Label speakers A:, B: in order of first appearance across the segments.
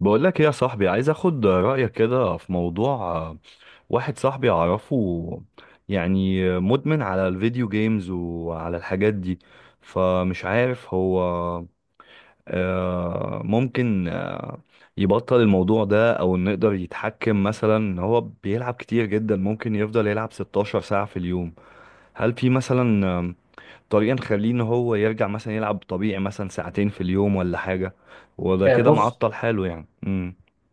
A: بقول لك ايه يا صاحبي، عايز اخد رأيك كده في موضوع. واحد صاحبي اعرفه، يعني مدمن على الفيديو جيمز وعلى الحاجات دي. فمش عارف هو ممكن يبطل الموضوع ده، او انه يقدر يتحكم مثلا ان هو بيلعب كتير جدا، ممكن يفضل يلعب 16 ساعة في اليوم. هل في مثلا طريقة نخليه ان هو يرجع مثلا يلعب طبيعي مثلا ساعتين في اليوم ولا حاجة؟ وده كده
B: بص.
A: معطل حاله يعني.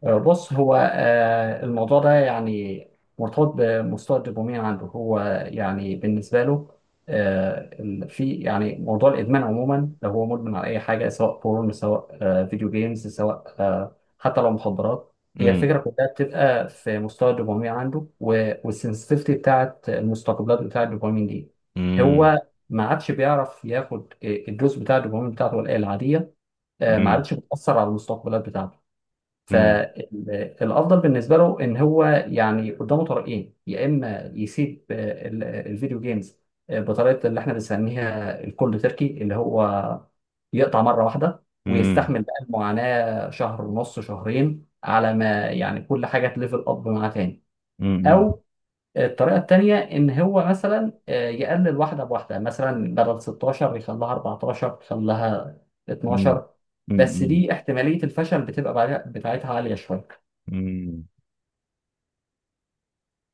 B: بص، هو الموضوع ده يعني مرتبط بمستوى الدوبامين عنده. هو يعني بالنسبة له، في يعني موضوع الإدمان عموما، لو هو مدمن على أي حاجة، سواء بورن، سواء فيديو جيمز، سواء حتى لو مخدرات، هي
A: امم.
B: الفكرة كلها بتبقى في مستوى الدوبامين عنده والسنسitivity بتاعت المستقبلات بتاعت الدوبامين دي.
A: امم.
B: هو ما عادش بيعرف ياخد الدوز بتاع الدوبامين بتاعته العادية. ما
A: امم.
B: عادش بتأثر على المستقبلات بتاعته.
A: امم.
B: فالافضل بالنسبه له ان هو يعني قدامه طريقين، يا اما يسيب الفيديو جيمز بطريقه اللي احنا بنسميها الكولد تركي، اللي هو يقطع مره واحده
A: امم.
B: ويستحمل بقى المعاناه شهر ونص، شهرين، على ما يعني كل حاجه تليفل اب معاه تاني.
A: امم.
B: او الطريقة التانية، إن هو مثلا يقلل واحدة بواحدة، مثلا بدل 16 يخليها 14 يخليها
A: امم.
B: 12. بس
A: امم.
B: دي احتمالية الفشل بتبقى بتاعتها عالية شوية.
A: امم.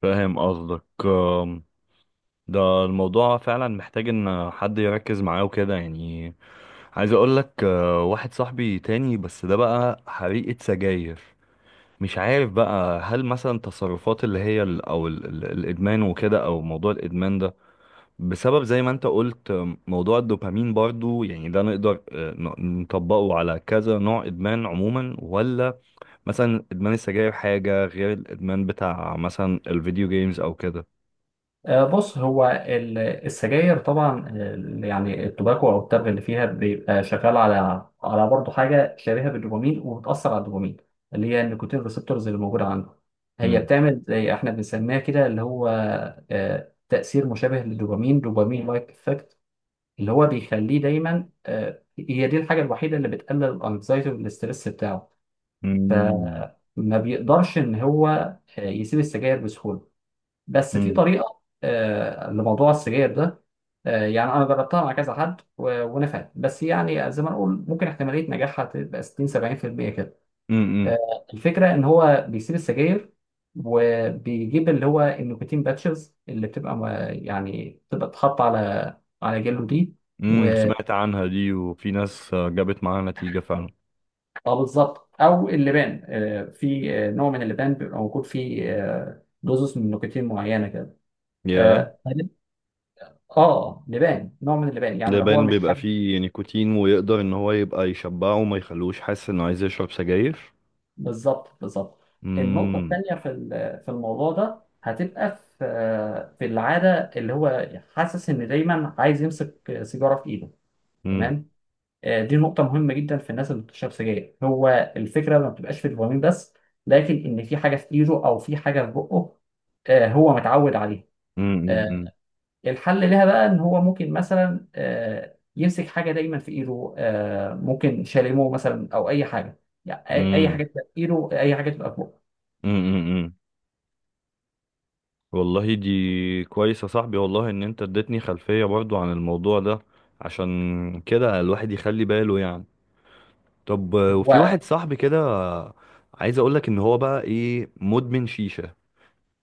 A: فاهم قصدك. ده الموضوع فعلا محتاج ان حد يركز معاه وكده يعني. عايز اقول لك، واحد صاحبي تاني، بس ده بقى حريقة سجاير. مش عارف بقى، هل مثلا تصرفات اللي هي الادمان وكده، او موضوع الادمان ده بسبب زي ما انت قلت موضوع الدوبامين برضو؟ يعني ده نقدر نطبقه على كذا نوع ادمان عموما، ولا مثلا ادمان السجاير حاجة غير الادمان بتاع مثلا الفيديو جيمز او كده؟
B: بص، هو السجاير طبعا، يعني التوباكو أو التبغ اللي فيها، بيبقى شغال على على برضه حاجة شبيهة بالدوبامين وبتأثر على الدوبامين، اللي هي النيكوتين ريسبتورز اللي موجودة عنده. هي
A: امم.
B: بتعمل زي احنا بنسميها كده، اللي هو تأثير مشابه للدوبامين، دوبامين لايك، اللي هو بيخليه دايما هي دي الحاجه الوحيده اللي بتقلل الانكزايتي والاسترس بتاعه.
A: امم.
B: فما بيقدرش ان هو يسيب السجاير بسهوله. بس في
A: امم.
B: طريقه لموضوع السجاير ده. يعني انا جربتها مع كذا حد ونفعت، بس يعني زي ما نقول ممكن احتماليه نجاحها تبقى 60 70% كده.
A: امم.
B: الفكره ان هو بيسيب السجاير وبيجيب اللي هو النيكوتين باتشز اللي يعني بتبقى تتحط على على جلده دي.
A: سمعت عنها دي، وفي ناس جابت معاها نتيجة فعلا.
B: اه بالظبط. او اللبان، في نوع من اللبان بيبقى موجود فيه دوزس من نيكوتين معينه كده.
A: ياه.
B: اه طيب. لبان، نوع من اللبان، يعني لو هو
A: لبان
B: مش
A: بيبقى
B: حاجه.
A: فيه نيكوتين، ويقدر ان هو يبقى يشبعه وما يخلوش حاسس انه عايز يشرب سجاير.
B: بالظبط، بالظبط. النقطه
A: امم
B: الثانيه في في الموضوع ده هتبقى في في العاده، اللي هو حاسس ان دايما عايز يمسك سيجاره في ايده.
A: امم.
B: تمام. دي نقطه مهمه جدا في الناس اللي بتشرب سجاير. هو الفكره ما بتبقاش في الدوبامين بس، لكن ان في حاجه في ايده او في حاجه في بقه هو متعود عليها.
A: امم.
B: آه، الحل لها بقى ان هو ممكن مثلا يمسك حاجه دايما في ايده، ممكن شاليمو مثلا او اي حاجه، يعني أي
A: امم.
B: حاجه تبقى في ايده، اي حاجه تبقى فوق.
A: امم. والله دي كويس يا صاحبي، والله ان انت اديتني خلفية برضو عن الموضوع ده. عشان كده الواحد يخلي باله يعني. طب وفي
B: هو
A: واحد صاحبي كده، عايز اقولك ان هو بقى ايه، مدمن شيشة.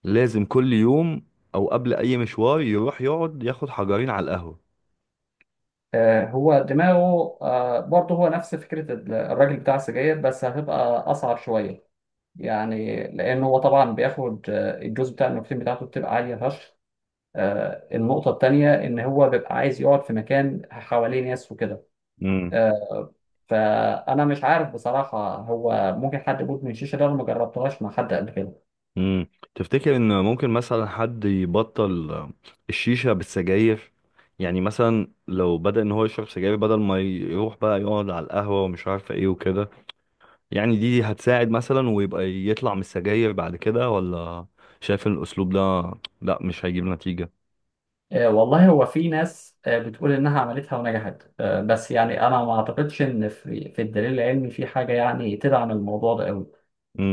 A: لازم كل يوم او قبل اي مشوار يروح يقعد ياخد حجرين على القهوة.
B: هو دماغه برضه هو نفس فكره الراجل بتاع السجاير، بس هتبقى اصعب شويه، يعني لان هو طبعا بياخد الجزء بتاع النيكوتين بتاعته بتبقى عاليه فشخ. النقطه التانيه ان هو بيبقى عايز يقعد في مكان حواليه ناس وكده آه، فانا مش عارف بصراحه هو ممكن حد يموت من الشيشه ده، انا ما جربتهاش مع حد قبل كده.
A: امم. تفتكر ان ممكن مثلا حد يبطل الشيشة بالسجاير؟ يعني مثلا لو بدأ ان هو يشرب سجاير بدل ما يروح بقى يقعد على القهوة ومش عارفة ايه وكده، يعني دي هتساعد مثلا ويبقى يطلع من السجاير بعد كده، ولا شايف ان الاسلوب ده لا مش هيجيب نتيجة؟
B: والله، هو في ناس بتقول انها عملتها ونجحت، بس يعني انا ما اعتقدش ان في الدليل العلمي في حاجه يعني تدعم الموضوع ده قوي.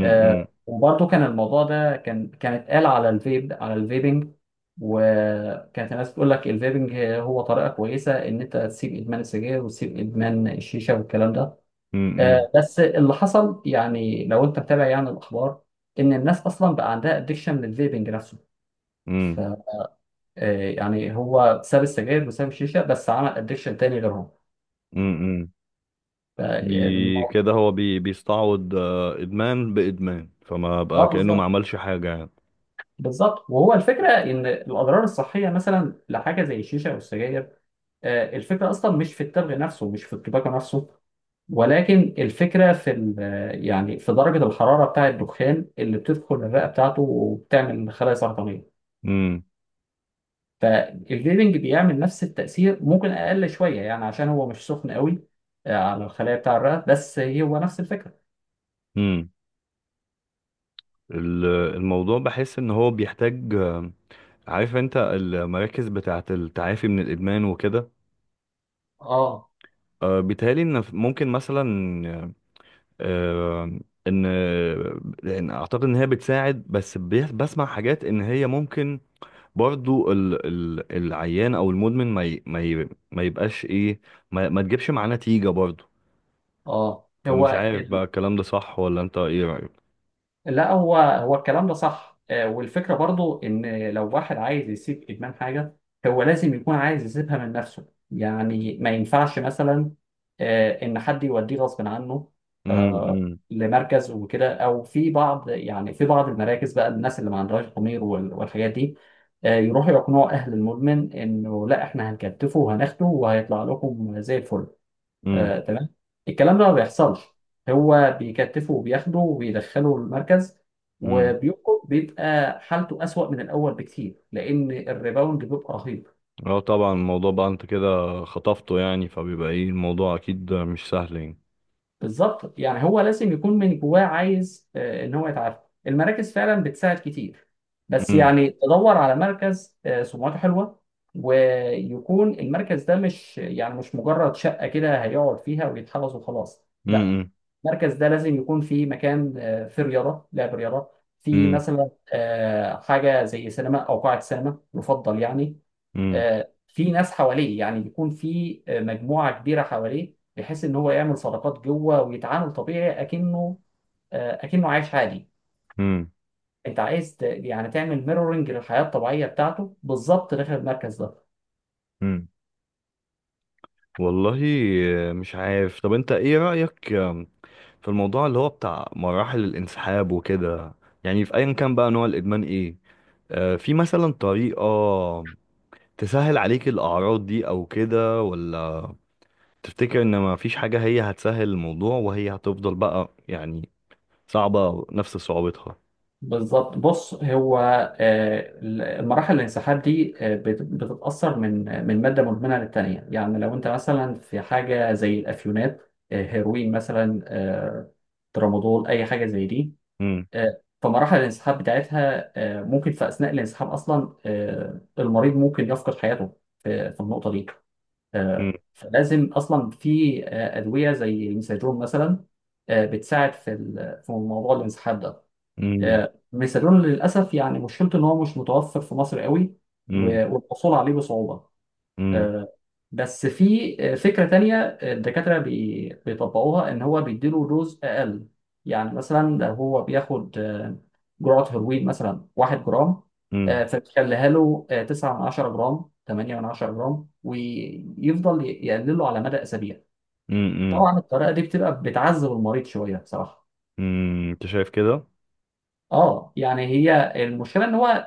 B: وبرضه كان الموضوع ده كان اتقال على الفيب، على الفيبنج، وكانت الناس بتقول لك الفيبنج هو طريقه كويسه ان انت تسيب ادمان السجاير وتسيب ادمان الشيشه والكلام ده.
A: امم.
B: بس اللي حصل يعني لو انت متابع يعني الاخبار، ان الناس اصلا بقى عندها ادكشن للفيبنج نفسه. ف
A: امم.
B: آه، يعني هو ساب السجاير وساب الشيشه بس عمل ادكشن تاني غيرهم.
A: امم.
B: ف- الموضوع-
A: كده هو بيستعوض ادمان بادمان، فما بقى
B: اه
A: كأنه ما
B: بالظبط.
A: عملش حاجة يعني.
B: بالظبط. وهو الفكره ان الاضرار الصحيه مثلا لحاجه زي الشيشه او السجاير، الفكره اصلا مش في التبغ نفسه، مش في التباكو نفسه، ولكن الفكره في يعني في درجه الحراره بتاع الدخان اللي بتدخل الرئه بتاعته وبتعمل خلايا سرطانيه. فالبليدنج بيعمل نفس التأثير، ممكن أقل شوية، يعني عشان هو مش سخن قوي على الخلايا بتاع الرئة، بس هو نفس الفكرة.
A: امم. ال- الموضوع بحس ان هو بيحتاج. عارف انت المراكز بتاعه التعافي من الادمان وكده؟
B: اه.
A: بيتهيألي ان ممكن مثلا آه، ان لأن اعتقد ان هي بتساعد، بس بسمع حاجات ان هي ممكن برضو ال العيان او المدمن ما يبقاش ايه، ما تجيبش معاه نتيجة برضو.
B: اه. هو
A: فمش عارف بقى الكلام ده صح، ولا انت ايه رأيك؟
B: لا، هو الكلام ده صح. والفكرة برضو ان لو واحد عايز يسيب ادمان حاجة، هو لازم يكون عايز يسيبها من نفسه، يعني ما ينفعش مثلا ان حد يوديه غصب عنه آه،
A: امم.
B: لمركز وكده. او في بعض، يعني في بعض المراكز بقى الناس اللي ما عندهاش ضمير والحاجات دي يروحوا يقنعوا اهل المدمن انه لا، احنا هنكتفه وهناخده وهيطلع لكم زي الفل. تمام. الكلام ده ما بيحصلش. هو بيكتفه وبياخده وبيدخله المركز،
A: امم.
B: وبيوقف بيبقى حالته أسوأ من الأول بكتير، لأن الريباوند بيبقى رهيب.
A: اه، طبعا الموضوع بقى انت كده خطفته يعني، فبيبقى ايه الموضوع اكيد مش سهل يعني.
B: بالظبط. يعني هو لازم يكون من جواه عايز إن هو يتعافى. المراكز فعلا بتساعد كتير، بس
A: امم.
B: يعني تدور على مركز سمعته حلوة، ويكون المركز ده مش يعني مش مجرد شقة كده هيقعد فيها ويتحفظ وخلاص، لا.
A: امم.
B: المركز ده لازم يكون فيه مكان فيه رياضه، لعب رياضه، في
A: امم.
B: مثلا حاجه زي سينما او قاعه سينما، يفضل يعني
A: امم.
B: في ناس حواليه، يعني يكون في مجموعه كبيره حواليه، بحيث ان هو يعمل صداقات جوه ويتعامل طبيعي، اكنه اكنه عايش عادي.
A: امم.
B: انت عايز يعني تعمل ميرورنج للحياه الطبيعيه بتاعته بالظبط داخل المركز ده.
A: امم. والله مش عارف. طب انت ايه رأيك في الموضوع اللي هو بتاع مراحل الانسحاب وكده؟ يعني في ايا كان بقى نوع الادمان ايه، في مثلا طريقة تسهل عليك الاعراض دي او كده، ولا تفتكر ان ما فيش حاجة هي هتسهل الموضوع وهي هتفضل بقى يعني صعبة نفس صعوبتها؟
B: بالظبط. بص، هو آه، المراحل الانسحاب دي بتتأثر من مادة مدمنة للتانية، يعني لو انت مثلا في حاجة زي الأفيونات، هيروين مثلا، ترامادول، أي حاجة زي دي. فمراحل الانسحاب بتاعتها ممكن في أثناء الانسحاب أصلا المريض ممكن يفقد حياته في النقطة دي.
A: مم.
B: فلازم أصلا في أدوية زي الميزاجون مثلا بتساعد في في موضوع الانسحاب ده.
A: مم.
B: ميسالون للاسف يعني مشكلته ان هو مش متوفر في مصر قوي،
A: مم.
B: والحصول عليه بصعوبه.
A: مم.
B: آه، بس في فكره تانية الدكاتره بيطبقوها، ان هو بيديله دوز اقل. يعني مثلا لو هو بياخد جرعه هيروين مثلا 1 جرام،
A: مم.
B: فبيخليها له 9 من 10 جرام، 8 من 10 جرام، ويفضل يقلله على مدى اسابيع.
A: مم.
B: طبعا الطريقه دي بتبقى بتعذب المريض شويه بصراحه.
A: مم، انت شايف كده؟
B: اه، يعني هي المشكله ان هو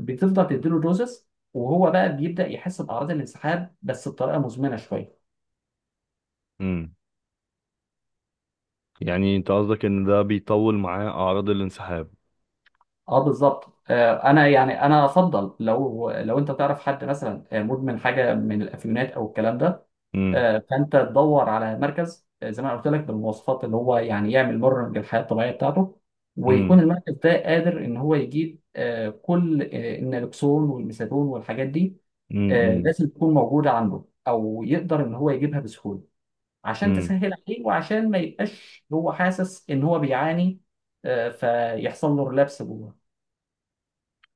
B: بتفضل تديله دوزس، وهو بقى بيبدا يحس باعراض الانسحاب بس بطريقه مزمنه شويه.
A: مم، يعني انت قصدك ان ده بيطول معاه اعراض الانسحاب؟
B: اه بالظبط. انا يعني افضل لو انت تعرف حد مثلا مدمن حاجه من الافيونات او الكلام ده
A: مم.
B: فانت تدور على مركز زي ما أنا قلت لك، بالمواصفات اللي هو يعني يعمل مرن للحياه الطبيعيه بتاعته،
A: مم.
B: ويكون المركز ده قادر ان هو يجيب كل النالكسون والميثادون والحاجات دي.
A: مم. مم.
B: لازم تكون موجودة عنده، أو يقدر إن هو يجيبها بسهولة، عشان
A: مم.
B: تسهل عليه وعشان ما يبقاش هو حاسس إن هو بيعاني، فيحصل له ريلابس جوه.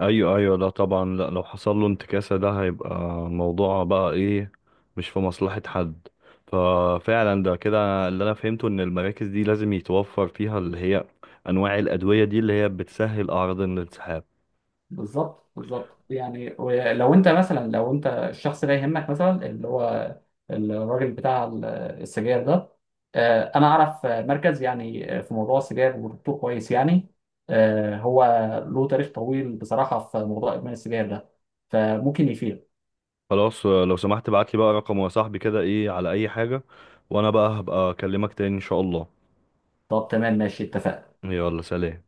A: ايوه ايوه، لا طبعا، لا، لو حصل له انتكاسة ده هيبقى موضوع بقى ايه مش في مصلحة حد. ففعلا ده كده اللي انا فهمته، ان المراكز دي لازم يتوفر فيها اللي هي انواع الادوية دي اللي هي بتسهل اعراض الانسحاب.
B: بالظبط، بالظبط. يعني لو أنت مثلا، لو أنت الشخص ده يهمك مثلا، اللي هو الراجل بتاع السجاير ده، أنا أعرف مركز يعني في موضوع السجاير، ودكتور كويس يعني هو له تاريخ طويل بصراحة في موضوع إدمان السجاير ده، فممكن يفيد.
A: خلاص لو سمحت ابعت لي بقى رقمه يا صاحبي كده، ايه على اي حاجة. وانا بقى هبقى اكلمك تاني ان شاء الله.
B: طب تمام، ماشي، اتفقنا.
A: يلا، سلام.